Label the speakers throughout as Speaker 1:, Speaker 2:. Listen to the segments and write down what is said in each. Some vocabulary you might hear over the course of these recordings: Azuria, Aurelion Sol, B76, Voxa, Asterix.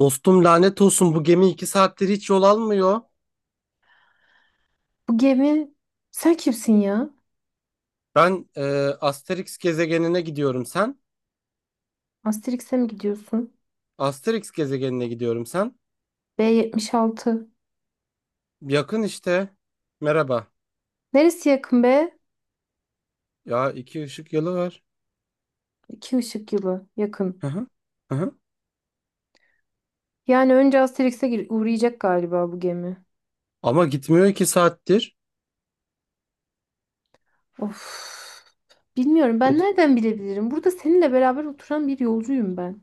Speaker 1: Dostum lanet olsun, bu gemi iki saattir hiç yol almıyor.
Speaker 2: Bu gemi sen kimsin ya?
Speaker 1: Ben Asterix gezegenine gidiyorum sen.
Speaker 2: Asterix'e mi gidiyorsun?
Speaker 1: Asterix gezegenine gidiyorum sen.
Speaker 2: B76.
Speaker 1: Yakın işte. Merhaba.
Speaker 2: Neresi yakın be?
Speaker 1: Ya iki ışık yılı var.
Speaker 2: 2 ışık yılı yakın.
Speaker 1: Hı hı. Hı hı.
Speaker 2: Yani önce Asterix'e uğrayacak galiba bu gemi.
Speaker 1: Ama gitmiyor iki saattir.
Speaker 2: Of. Bilmiyorum, ben
Speaker 1: Uz-
Speaker 2: nereden bilebilirim? Burada seninle beraber oturan bir yolcuyum ben.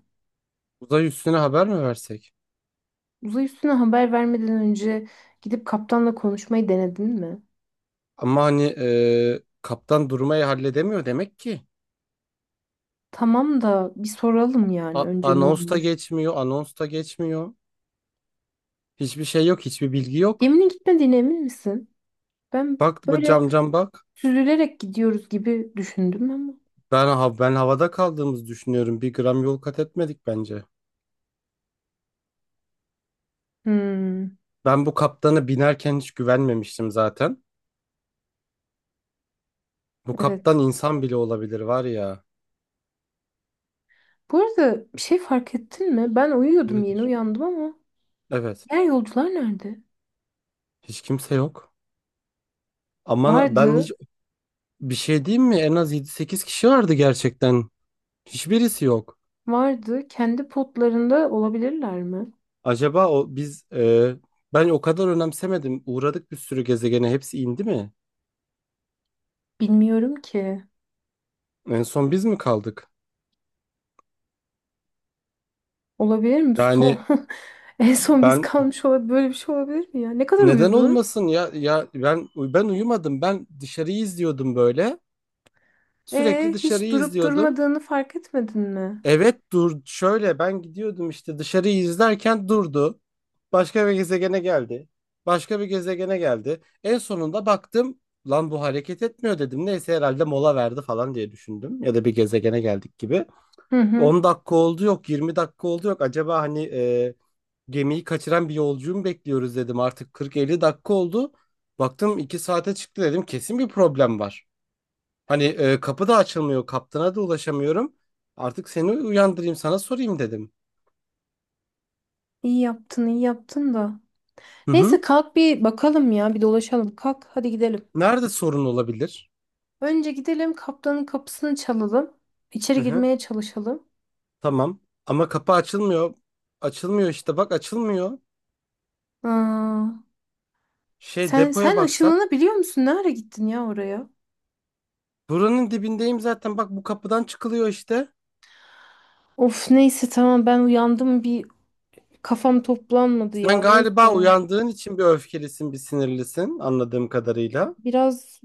Speaker 1: Uzay üstüne haber mi versek?
Speaker 2: Uzay üstüne haber vermeden önce gidip kaptanla konuşmayı denedin mi?
Speaker 1: Ama hani kaptan durmayı halledemiyor demek ki.
Speaker 2: Tamam da bir soralım yani önce ne
Speaker 1: Anons da
Speaker 2: olmuş.
Speaker 1: geçmiyor, anons da geçmiyor. Hiçbir şey yok, hiçbir bilgi yok.
Speaker 2: Geminin gitmediğine emin misin? Ben
Speaker 1: Bak bu
Speaker 2: böyle
Speaker 1: cam cam bak.
Speaker 2: süzülerek gidiyoruz gibi düşündüm ama.
Speaker 1: Ben havada kaldığımızı düşünüyorum. Bir gram yol kat etmedik bence.
Speaker 2: Hmm,
Speaker 1: Ben bu kaptana binerken hiç güvenmemiştim zaten. Bu kaptan
Speaker 2: evet.
Speaker 1: insan bile olabilir var ya.
Speaker 2: Bu arada bir şey fark ettin mi? Ben uyuyordum, yeni
Speaker 1: Nedir?
Speaker 2: uyandım ama
Speaker 1: Evet.
Speaker 2: diğer yolcular nerede?
Speaker 1: Hiç kimse yok. Ama ben
Speaker 2: Vardı,
Speaker 1: hiç bir şey diyeyim mi? En az yedi, sekiz kişi vardı gerçekten. Hiçbirisi yok.
Speaker 2: vardı. Kendi potlarında olabilirler mi?
Speaker 1: Acaba ben o kadar önemsemedim. Uğradık bir sürü gezegene. Hepsi indi mi?
Speaker 2: Bilmiyorum ki.
Speaker 1: En son biz mi kaldık?
Speaker 2: Olabilir mi? Son,
Speaker 1: Yani
Speaker 2: en son biz
Speaker 1: ben
Speaker 2: kalmış olabilir. Böyle bir şey olabilir mi ya? Ne kadar
Speaker 1: neden
Speaker 2: uyudun?
Speaker 1: olmasın ya, ya ben uyumadım, ben dışarıyı izliyordum böyle, sürekli
Speaker 2: Hiç
Speaker 1: dışarıyı
Speaker 2: durup
Speaker 1: izliyordum.
Speaker 2: durmadığını fark etmedin mi?
Speaker 1: Evet dur şöyle, ben gidiyordum işte dışarıyı izlerken durdu, başka bir gezegene geldi, başka bir gezegene geldi. En sonunda baktım lan bu hareket etmiyor dedim, neyse herhalde mola verdi falan diye düşündüm ya da bir gezegene geldik gibi.
Speaker 2: Hı hı.
Speaker 1: 10 dakika oldu yok, 20 dakika oldu yok, acaba hani gemiyi kaçıran bir yolcuyu mu bekliyoruz dedim. Artık 40-50 dakika oldu. Baktım 2 saate çıktı dedim. Kesin bir problem var. Hani kapı da açılmıyor. Kaptana da ulaşamıyorum. Artık seni uyandırayım, sana sorayım dedim.
Speaker 2: İyi yaptın, iyi yaptın da.
Speaker 1: Hı hı.
Speaker 2: Neyse, kalk bir bakalım ya, bir dolaşalım. Kalk, hadi gidelim.
Speaker 1: Nerede sorun olabilir?
Speaker 2: Önce gidelim kaptanın kapısını çalalım.
Speaker 1: Hı
Speaker 2: İçeri
Speaker 1: hı.
Speaker 2: girmeye çalışalım.
Speaker 1: Tamam. Ama kapı açılmıyor. Açılmıyor işte bak açılmıyor.
Speaker 2: Aa,
Speaker 1: Şey,
Speaker 2: sen
Speaker 1: depoya
Speaker 2: sen
Speaker 1: baksak.
Speaker 2: ışınlanı biliyor musun? Ne ara gittin ya oraya?
Speaker 1: Buranın dibindeyim zaten, bak bu kapıdan çıkılıyor işte.
Speaker 2: Of, neyse, tamam, ben uyandım, bir kafam toplanmadı
Speaker 1: Sen
Speaker 2: ya,
Speaker 1: galiba
Speaker 2: neyse.
Speaker 1: uyandığın için bir öfkelisin, bir sinirlisin anladığım kadarıyla.
Speaker 2: Biraz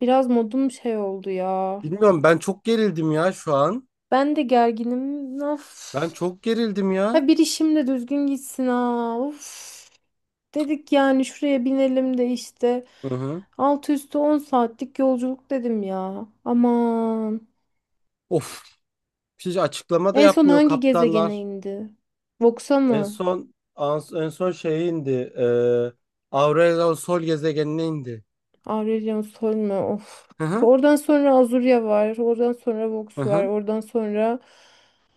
Speaker 2: biraz modum şey oldu ya.
Speaker 1: Bilmiyorum, ben çok gerildim ya şu an.
Speaker 2: Ben de gerginim.
Speaker 1: Ben
Speaker 2: Of.
Speaker 1: çok gerildim ya.
Speaker 2: Ha, bir işim de düzgün gitsin ha. Of. Dedik yani, şuraya binelim de işte.
Speaker 1: Hı hı.
Speaker 2: Altı üstü 10 saatlik yolculuk dedim ya. Aman.
Speaker 1: Of. Hiç açıklama da
Speaker 2: En son
Speaker 1: yapmıyor
Speaker 2: hangi gezegene
Speaker 1: kaptanlar.
Speaker 2: indi? Voxa mı?
Speaker 1: En son şeye indi. E, Aurelion Sol gezegenine indi.
Speaker 2: Aurelion Sol mu? Of.
Speaker 1: Hı hı.
Speaker 2: Oradan sonra Azuria var. Oradan sonra
Speaker 1: Hı
Speaker 2: Vox var.
Speaker 1: hı.
Speaker 2: Oradan sonra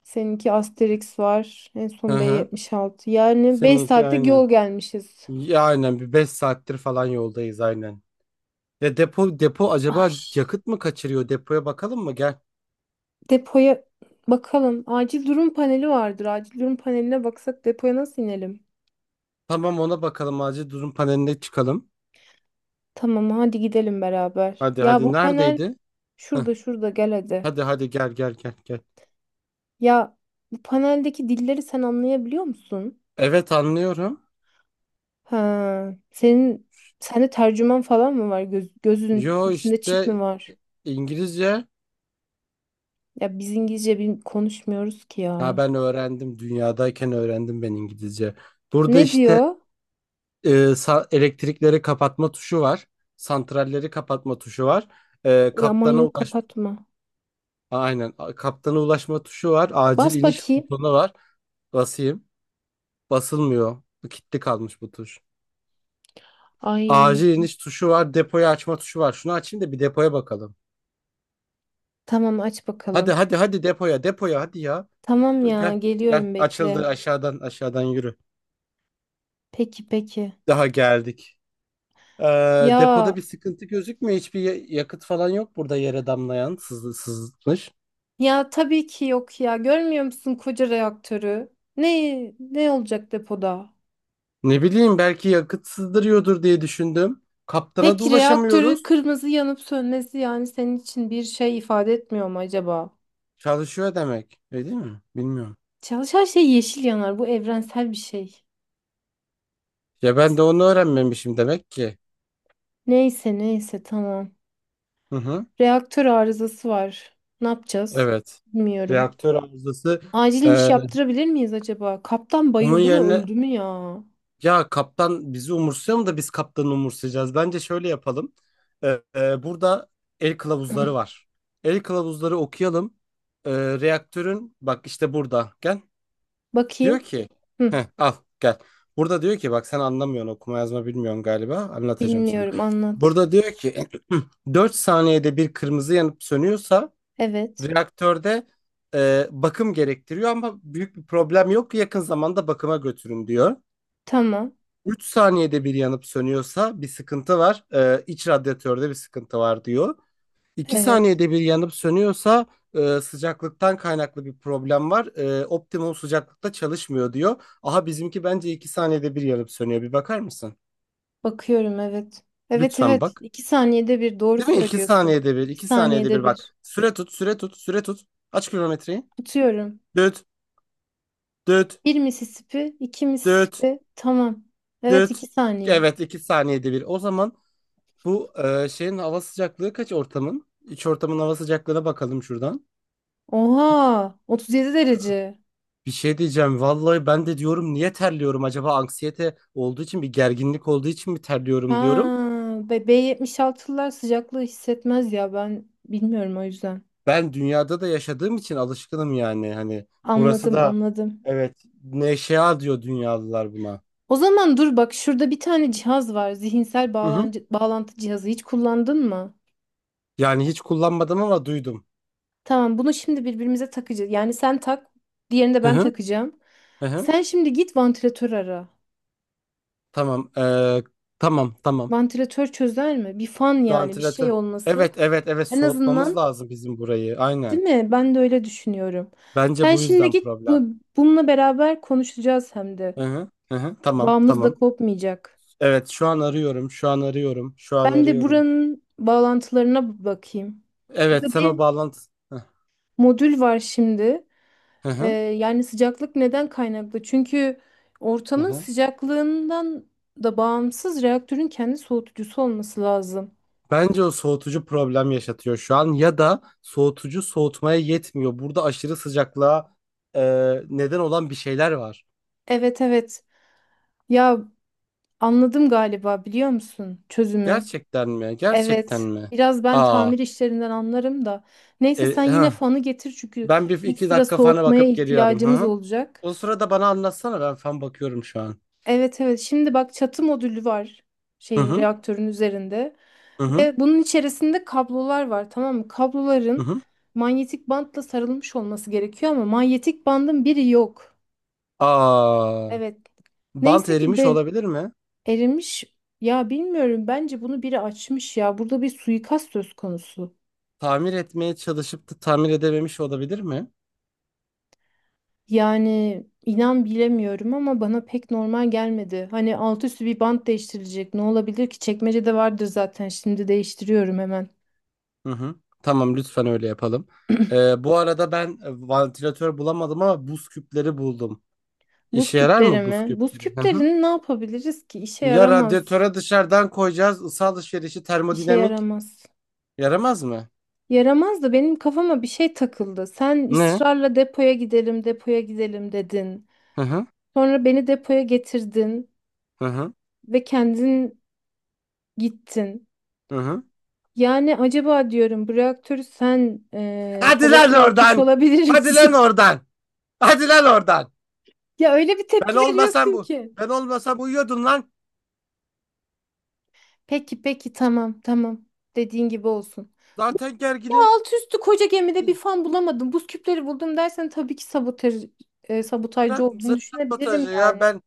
Speaker 2: seninki Asterix var. En
Speaker 1: Hı
Speaker 2: son
Speaker 1: hı.
Speaker 2: B76. Yani 5
Speaker 1: Seninki
Speaker 2: saatlik
Speaker 1: aynen.
Speaker 2: yol gelmişiz.
Speaker 1: Ya aynen bir 5 saattir falan yoldayız aynen. Ya depo
Speaker 2: Ay,
Speaker 1: acaba yakıt mı kaçırıyor? Depoya bakalım mı? Gel.
Speaker 2: depoya bakalım. Acil durum paneli vardır. Acil durum paneline baksak depoya nasıl inelim?
Speaker 1: Tamam, ona bakalım, acil durum paneline çıkalım.
Speaker 2: Tamam, hadi gidelim beraber.
Speaker 1: Hadi
Speaker 2: Ya bu
Speaker 1: hadi,
Speaker 2: panel
Speaker 1: neredeydi? Heh.
Speaker 2: şurada, şurada, gel hadi.
Speaker 1: Hadi hadi, gel gel gel gel.
Speaker 2: Ya bu paneldeki dilleri sen anlayabiliyor musun?
Speaker 1: Evet, anlıyorum.
Speaker 2: Ha, sende tercüman falan mı var? Gözünün
Speaker 1: Yo
Speaker 2: içinde çip
Speaker 1: işte
Speaker 2: mi var?
Speaker 1: İngilizce.
Speaker 2: Ya biz İngilizce konuşmuyoruz ki
Speaker 1: Ha,
Speaker 2: ya.
Speaker 1: ben öğrendim. Dünyadayken öğrendim ben İngilizce. Burada
Speaker 2: Ne
Speaker 1: işte
Speaker 2: diyor?
Speaker 1: elektrikleri kapatma tuşu var. Santralleri kapatma tuşu var.
Speaker 2: Aman,
Speaker 1: Kaptana
Speaker 2: yok,
Speaker 1: ulaş,
Speaker 2: kapatma.
Speaker 1: aynen, kaptana ulaşma tuşu var. Acil
Speaker 2: Bas
Speaker 1: iniş
Speaker 2: bakayım.
Speaker 1: butonu var. Basayım. Basılmıyor. Bu kilitli kalmış bu tuş.
Speaker 2: Ay,
Speaker 1: Acil iniş tuşu var. Depoyu açma tuşu var. Şunu açayım da bir depoya bakalım.
Speaker 2: tamam, aç
Speaker 1: Hadi
Speaker 2: bakalım.
Speaker 1: hadi hadi, depoya depoya hadi ya.
Speaker 2: Tamam
Speaker 1: Dur,
Speaker 2: ya,
Speaker 1: gel gel,
Speaker 2: geliyorum, bekle.
Speaker 1: açıldı, aşağıdan aşağıdan yürü.
Speaker 2: Peki peki.
Speaker 1: Daha geldik. Depoda
Speaker 2: Ya
Speaker 1: bir sıkıntı gözükmüyor. Hiçbir yakıt falan yok, burada yere damlayan sızı, sızmış.
Speaker 2: ya tabii ki yok ya. Görmüyor musun koca reaktörü? Ne olacak depoda?
Speaker 1: Ne bileyim, belki yakıt sızdırıyordur diye düşündüm. Kaptana da
Speaker 2: Peki reaktörü
Speaker 1: ulaşamıyoruz.
Speaker 2: kırmızı yanıp sönmesi yani senin için bir şey ifade etmiyor mu acaba?
Speaker 1: Çalışıyor demek. Öyle değil mi? Bilmiyorum.
Speaker 2: Çalışan şey yeşil yanar. Bu evrensel bir şey.
Speaker 1: Ya ben de onu öğrenmemişim demek ki.
Speaker 2: Neyse neyse, tamam.
Speaker 1: Hı hı.
Speaker 2: Reaktör arızası var. Ne yapacağız?
Speaker 1: Evet.
Speaker 2: Bilmiyorum.
Speaker 1: Reaktör arızası.
Speaker 2: Acil iniş
Speaker 1: Ee,
Speaker 2: yaptırabilir miyiz acaba? Kaptan
Speaker 1: Onun
Speaker 2: bayıldı mı,
Speaker 1: yerine,
Speaker 2: öldü mü ya?
Speaker 1: ya kaptan bizi umursuyor mu da biz kaptanı umursayacağız? Bence şöyle yapalım. Burada el kılavuzları var. El kılavuzları okuyalım. Ee, Reaktörün, bak işte burada. Gel. Diyor
Speaker 2: Bakayım.
Speaker 1: ki
Speaker 2: Hı,
Speaker 1: heh, al gel. Burada diyor ki bak, sen anlamıyorsun, okuma yazma bilmiyorsun galiba. Anlatacağım sana.
Speaker 2: bilmiyorum, anlat.
Speaker 1: Burada diyor ki 4 saniyede bir kırmızı yanıp sönüyorsa
Speaker 2: Evet.
Speaker 1: reaktörde bakım gerektiriyor ama büyük bir problem yok. Yakın zamanda bakıma götürün diyor.
Speaker 2: Tamam.
Speaker 1: 3 saniyede bir yanıp sönüyorsa bir sıkıntı var. İç radyatörde bir sıkıntı var diyor. 2
Speaker 2: Evet.
Speaker 1: saniyede bir yanıp sönüyorsa sıcaklıktan kaynaklı bir problem var. Optimum sıcaklıkta çalışmıyor diyor. Aha, bizimki bence 2 saniyede bir yanıp sönüyor. Bir bakar mısın?
Speaker 2: Bakıyorum, evet. Evet
Speaker 1: Lütfen
Speaker 2: evet.
Speaker 1: bak.
Speaker 2: 2 saniyede bir doğru
Speaker 1: Değil mi? İki
Speaker 2: söylüyorsun.
Speaker 1: saniyede bir,
Speaker 2: İki
Speaker 1: 2 saniyede
Speaker 2: saniyede
Speaker 1: bir
Speaker 2: bir.
Speaker 1: bak. Süre tut, süre tut, süre tut. Aç kilometreyi.
Speaker 2: Tutuyorum.
Speaker 1: Düt, düt,
Speaker 2: Bir Mississippi, iki
Speaker 1: düt,
Speaker 2: Mississippi. Tamam. Evet,
Speaker 1: düt.
Speaker 2: iki saniye.
Speaker 1: Evet, 2 saniyede bir. O zaman bu şeyin hava sıcaklığı kaç ortamın? İç ortamın hava sıcaklığına bakalım şuradan. Kaç?
Speaker 2: Oha, 37 derece.
Speaker 1: Bir şey diyeceğim. Vallahi ben de diyorum niye terliyorum acaba, anksiyete olduğu için, bir gerginlik olduğu için mi
Speaker 2: Ha,
Speaker 1: terliyorum diyorum.
Speaker 2: B76'lılar sıcaklığı hissetmez ya, ben bilmiyorum o yüzden.
Speaker 1: Ben dünyada da yaşadığım için alışkınım yani. Hani burası
Speaker 2: Anladım,
Speaker 1: da
Speaker 2: anladım.
Speaker 1: evet, neşea diyor dünyalılar buna.
Speaker 2: O zaman dur bak, şurada bir tane cihaz var. Zihinsel
Speaker 1: Hı hı.
Speaker 2: bağlantı, bağlantı cihazı. Hiç kullandın mı?
Speaker 1: Yani hiç kullanmadım ama duydum.
Speaker 2: Tamam, bunu şimdi birbirimize takacağız. Yani sen tak, diğerini de
Speaker 1: Hı
Speaker 2: ben
Speaker 1: hı.
Speaker 2: takacağım.
Speaker 1: Hı hı.
Speaker 2: Sen şimdi git, vantilatör ara.
Speaker 1: Tamam. Tamam tamam.
Speaker 2: Vantilatör çözer mi? Bir fan yani, bir şey
Speaker 1: Vantilatör.
Speaker 2: olması.
Speaker 1: Evet evet evet,
Speaker 2: En
Speaker 1: soğutmamız
Speaker 2: azından,
Speaker 1: lazım bizim burayı.
Speaker 2: değil
Speaker 1: Aynen.
Speaker 2: mi? Ben de öyle düşünüyorum.
Speaker 1: Bence
Speaker 2: Sen
Speaker 1: bu
Speaker 2: şimdi
Speaker 1: yüzden
Speaker 2: git bu,
Speaker 1: problem.
Speaker 2: bununla beraber konuşacağız hem de.
Speaker 1: Hı hı, hı hı, tamam,
Speaker 2: Bağımız da
Speaker 1: tamam.
Speaker 2: kopmayacak.
Speaker 1: Evet, şu an arıyorum, şu an arıyorum, şu an
Speaker 2: Ben de
Speaker 1: arıyorum.
Speaker 2: buranın bağlantılarına bakayım.
Speaker 1: Evet,
Speaker 2: Burada
Speaker 1: sen o
Speaker 2: bir
Speaker 1: bağlantı...
Speaker 2: modül var şimdi.
Speaker 1: Hı hı,
Speaker 2: Yani sıcaklık neden kaynaklı? Çünkü
Speaker 1: hı
Speaker 2: ortamın
Speaker 1: hı.
Speaker 2: sıcaklığından da bağımsız reaktörün kendi soğutucusu olması lazım.
Speaker 1: Bence o soğutucu problem yaşatıyor şu an ya da soğutucu soğutmaya yetmiyor. Burada aşırı sıcaklığa e, neden olan bir şeyler var.
Speaker 2: Evet evet. Ya anladım galiba, biliyor musun çözümü?
Speaker 1: Gerçekten mi? Gerçekten
Speaker 2: Evet.
Speaker 1: mi?
Speaker 2: Biraz ben
Speaker 1: Aa,
Speaker 2: tamir işlerinden anlarım da. Neyse, sen yine
Speaker 1: hah.
Speaker 2: fanı getir çünkü
Speaker 1: Ben bir
Speaker 2: bir
Speaker 1: iki
Speaker 2: sıra
Speaker 1: dakika fana
Speaker 2: soğutmaya
Speaker 1: bakıp geliyorum. Hı
Speaker 2: ihtiyacımız
Speaker 1: hı.
Speaker 2: olacak.
Speaker 1: O sırada bana anlatsana, ben fan bakıyorum şu an.
Speaker 2: Evet evet. Şimdi bak, çatı modülü var
Speaker 1: Hı
Speaker 2: şeyin,
Speaker 1: hı,
Speaker 2: reaktörün üzerinde,
Speaker 1: hı hı,
Speaker 2: ve bunun içerisinde kablolar var, tamam mı?
Speaker 1: hı
Speaker 2: Kabloların
Speaker 1: hı.
Speaker 2: manyetik bantla sarılmış olması gerekiyor ama manyetik bandın biri yok.
Speaker 1: Aa.
Speaker 2: Evet.
Speaker 1: Bant
Speaker 2: Neyse ki
Speaker 1: erimiş
Speaker 2: be,
Speaker 1: olabilir mi?
Speaker 2: erimiş. Ya bilmiyorum, bence bunu biri açmış ya. Burada bir suikast söz konusu.
Speaker 1: Tamir etmeye çalışıp da tamir edememiş olabilir mi?
Speaker 2: Yani inan bilemiyorum ama bana pek normal gelmedi. Hani alt üstü bir bant değiştirilecek. Ne olabilir ki? Çekmecede vardır zaten. Şimdi değiştiriyorum hemen.
Speaker 1: Hı hı. Tamam lütfen öyle yapalım. Bu arada ben vantilatör bulamadım ama buz küpleri buldum.
Speaker 2: Buz
Speaker 1: İşe yarar
Speaker 2: küpleri
Speaker 1: mı buz
Speaker 2: mi? Buz
Speaker 1: küpleri? Hı hı.
Speaker 2: küplerini ne yapabiliriz ki? İşe
Speaker 1: Ya
Speaker 2: yaramaz.
Speaker 1: radyatöre dışarıdan koyacağız, ısı alışverişi,
Speaker 2: İşe
Speaker 1: termodinamik.
Speaker 2: yaramaz.
Speaker 1: Yaramaz mı?
Speaker 2: Yaramaz da benim kafama bir şey takıldı. Sen
Speaker 1: Ne?
Speaker 2: ısrarla depoya gidelim, depoya gidelim dedin.
Speaker 1: Hı hı.
Speaker 2: Sonra beni depoya getirdin
Speaker 1: Hı hı.
Speaker 2: ve kendin gittin.
Speaker 1: Hı hı.
Speaker 2: Yani acaba diyorum, bu reaktörü sen
Speaker 1: Hadi lan
Speaker 2: sabote etmiş
Speaker 1: oradan.
Speaker 2: olabilir
Speaker 1: Hadi lan
Speaker 2: misin?
Speaker 1: oradan. Hadi lan oradan.
Speaker 2: Ya öyle bir
Speaker 1: Ben
Speaker 2: tepki
Speaker 1: olmasam
Speaker 2: veriyorsun
Speaker 1: bu.
Speaker 2: ki.
Speaker 1: Ben olmasam uyuyordun lan.
Speaker 2: Peki peki, tamam tamam, dediğin gibi olsun.
Speaker 1: Zaten
Speaker 2: Ya
Speaker 1: gerginim.
Speaker 2: alt üstü koca gemide bir fan bulamadım, buz küpleri buldum dersen tabii ki sabotaj, sabotajcı
Speaker 1: Bırak
Speaker 2: olduğunu düşünebilirim
Speaker 1: sabotajı ya,
Speaker 2: yani.
Speaker 1: ben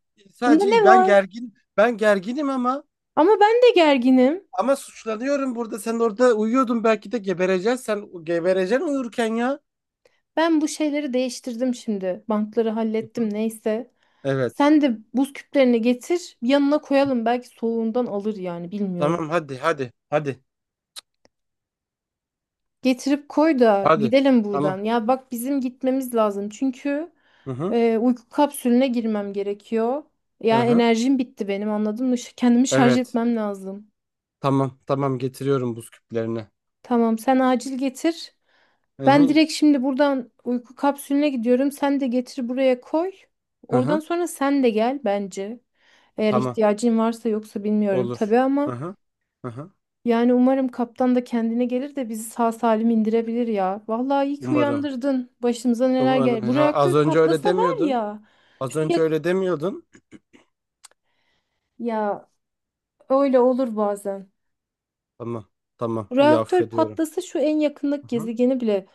Speaker 2: Bunda
Speaker 1: sadece,
Speaker 2: ne
Speaker 1: ben
Speaker 2: var?
Speaker 1: gergin, ben gerginim ama,
Speaker 2: Ama ben de gerginim.
Speaker 1: ama suçlanıyorum burada. Sen orada uyuyordun, belki de gebereceksin, sen gebereceksin uyurken ya.
Speaker 2: Ben bu şeyleri değiştirdim şimdi. Bantları hallettim, neyse.
Speaker 1: Evet.
Speaker 2: Sen de buz küplerini getir, yanına koyalım, belki soğuğundan alır, yani bilmiyorum.
Speaker 1: Tamam hadi hadi hadi
Speaker 2: Getirip koy da
Speaker 1: hadi.
Speaker 2: gidelim
Speaker 1: Tamam.
Speaker 2: buradan. Ya bak, bizim gitmemiz lazım. Çünkü
Speaker 1: Hı hı.
Speaker 2: uyku kapsülüne girmem gerekiyor.
Speaker 1: Hı
Speaker 2: Ya
Speaker 1: hı.
Speaker 2: enerjim bitti benim, anladın mı? Kendimi şarj
Speaker 1: Evet.
Speaker 2: etmem lazım.
Speaker 1: Tamam tamam, getiriyorum buz küplerini.
Speaker 2: Tamam, sen acil getir.
Speaker 1: Hı
Speaker 2: Ben
Speaker 1: hı.
Speaker 2: direkt şimdi buradan uyku kapsülüne gidiyorum. Sen de getir, buraya koy.
Speaker 1: Hı
Speaker 2: Oradan
Speaker 1: hı.
Speaker 2: sonra sen de gel bence. Eğer
Speaker 1: Tamam,
Speaker 2: ihtiyacın varsa, yoksa bilmiyorum
Speaker 1: olur.
Speaker 2: tabii
Speaker 1: Hı
Speaker 2: ama.
Speaker 1: hı. Hı hı.
Speaker 2: Yani umarım kaptan da kendine gelir de bizi sağ salim indirebilir ya. Vallahi iyi ki
Speaker 1: Umarım.
Speaker 2: uyandırdın. Başımıza neler
Speaker 1: Umarım.
Speaker 2: gel. Bu
Speaker 1: Ha,
Speaker 2: reaktör
Speaker 1: az önce öyle
Speaker 2: patlasa var
Speaker 1: demiyordun.
Speaker 2: ya.
Speaker 1: Az
Speaker 2: Şu
Speaker 1: önce
Speaker 2: yak
Speaker 1: öyle demiyordun.
Speaker 2: Ya öyle olur bazen.
Speaker 1: Tamam tamam,
Speaker 2: Bu
Speaker 1: iyi,
Speaker 2: reaktör
Speaker 1: affediyorum.
Speaker 2: patlasa şu en yakındaki
Speaker 1: Hı hı.
Speaker 2: gezegeni bile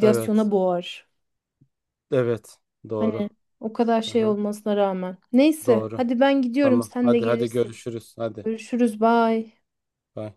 Speaker 1: Evet.
Speaker 2: boğar.
Speaker 1: Evet.
Speaker 2: Hani
Speaker 1: Doğru.
Speaker 2: o kadar şey
Speaker 1: Aha,
Speaker 2: olmasına rağmen. Neyse,
Speaker 1: doğru.
Speaker 2: hadi ben gidiyorum,
Speaker 1: Tamam.
Speaker 2: sen de
Speaker 1: Hadi hadi,
Speaker 2: gelirsin.
Speaker 1: görüşürüz. Hadi.
Speaker 2: Görüşürüz, bye.
Speaker 1: Bye.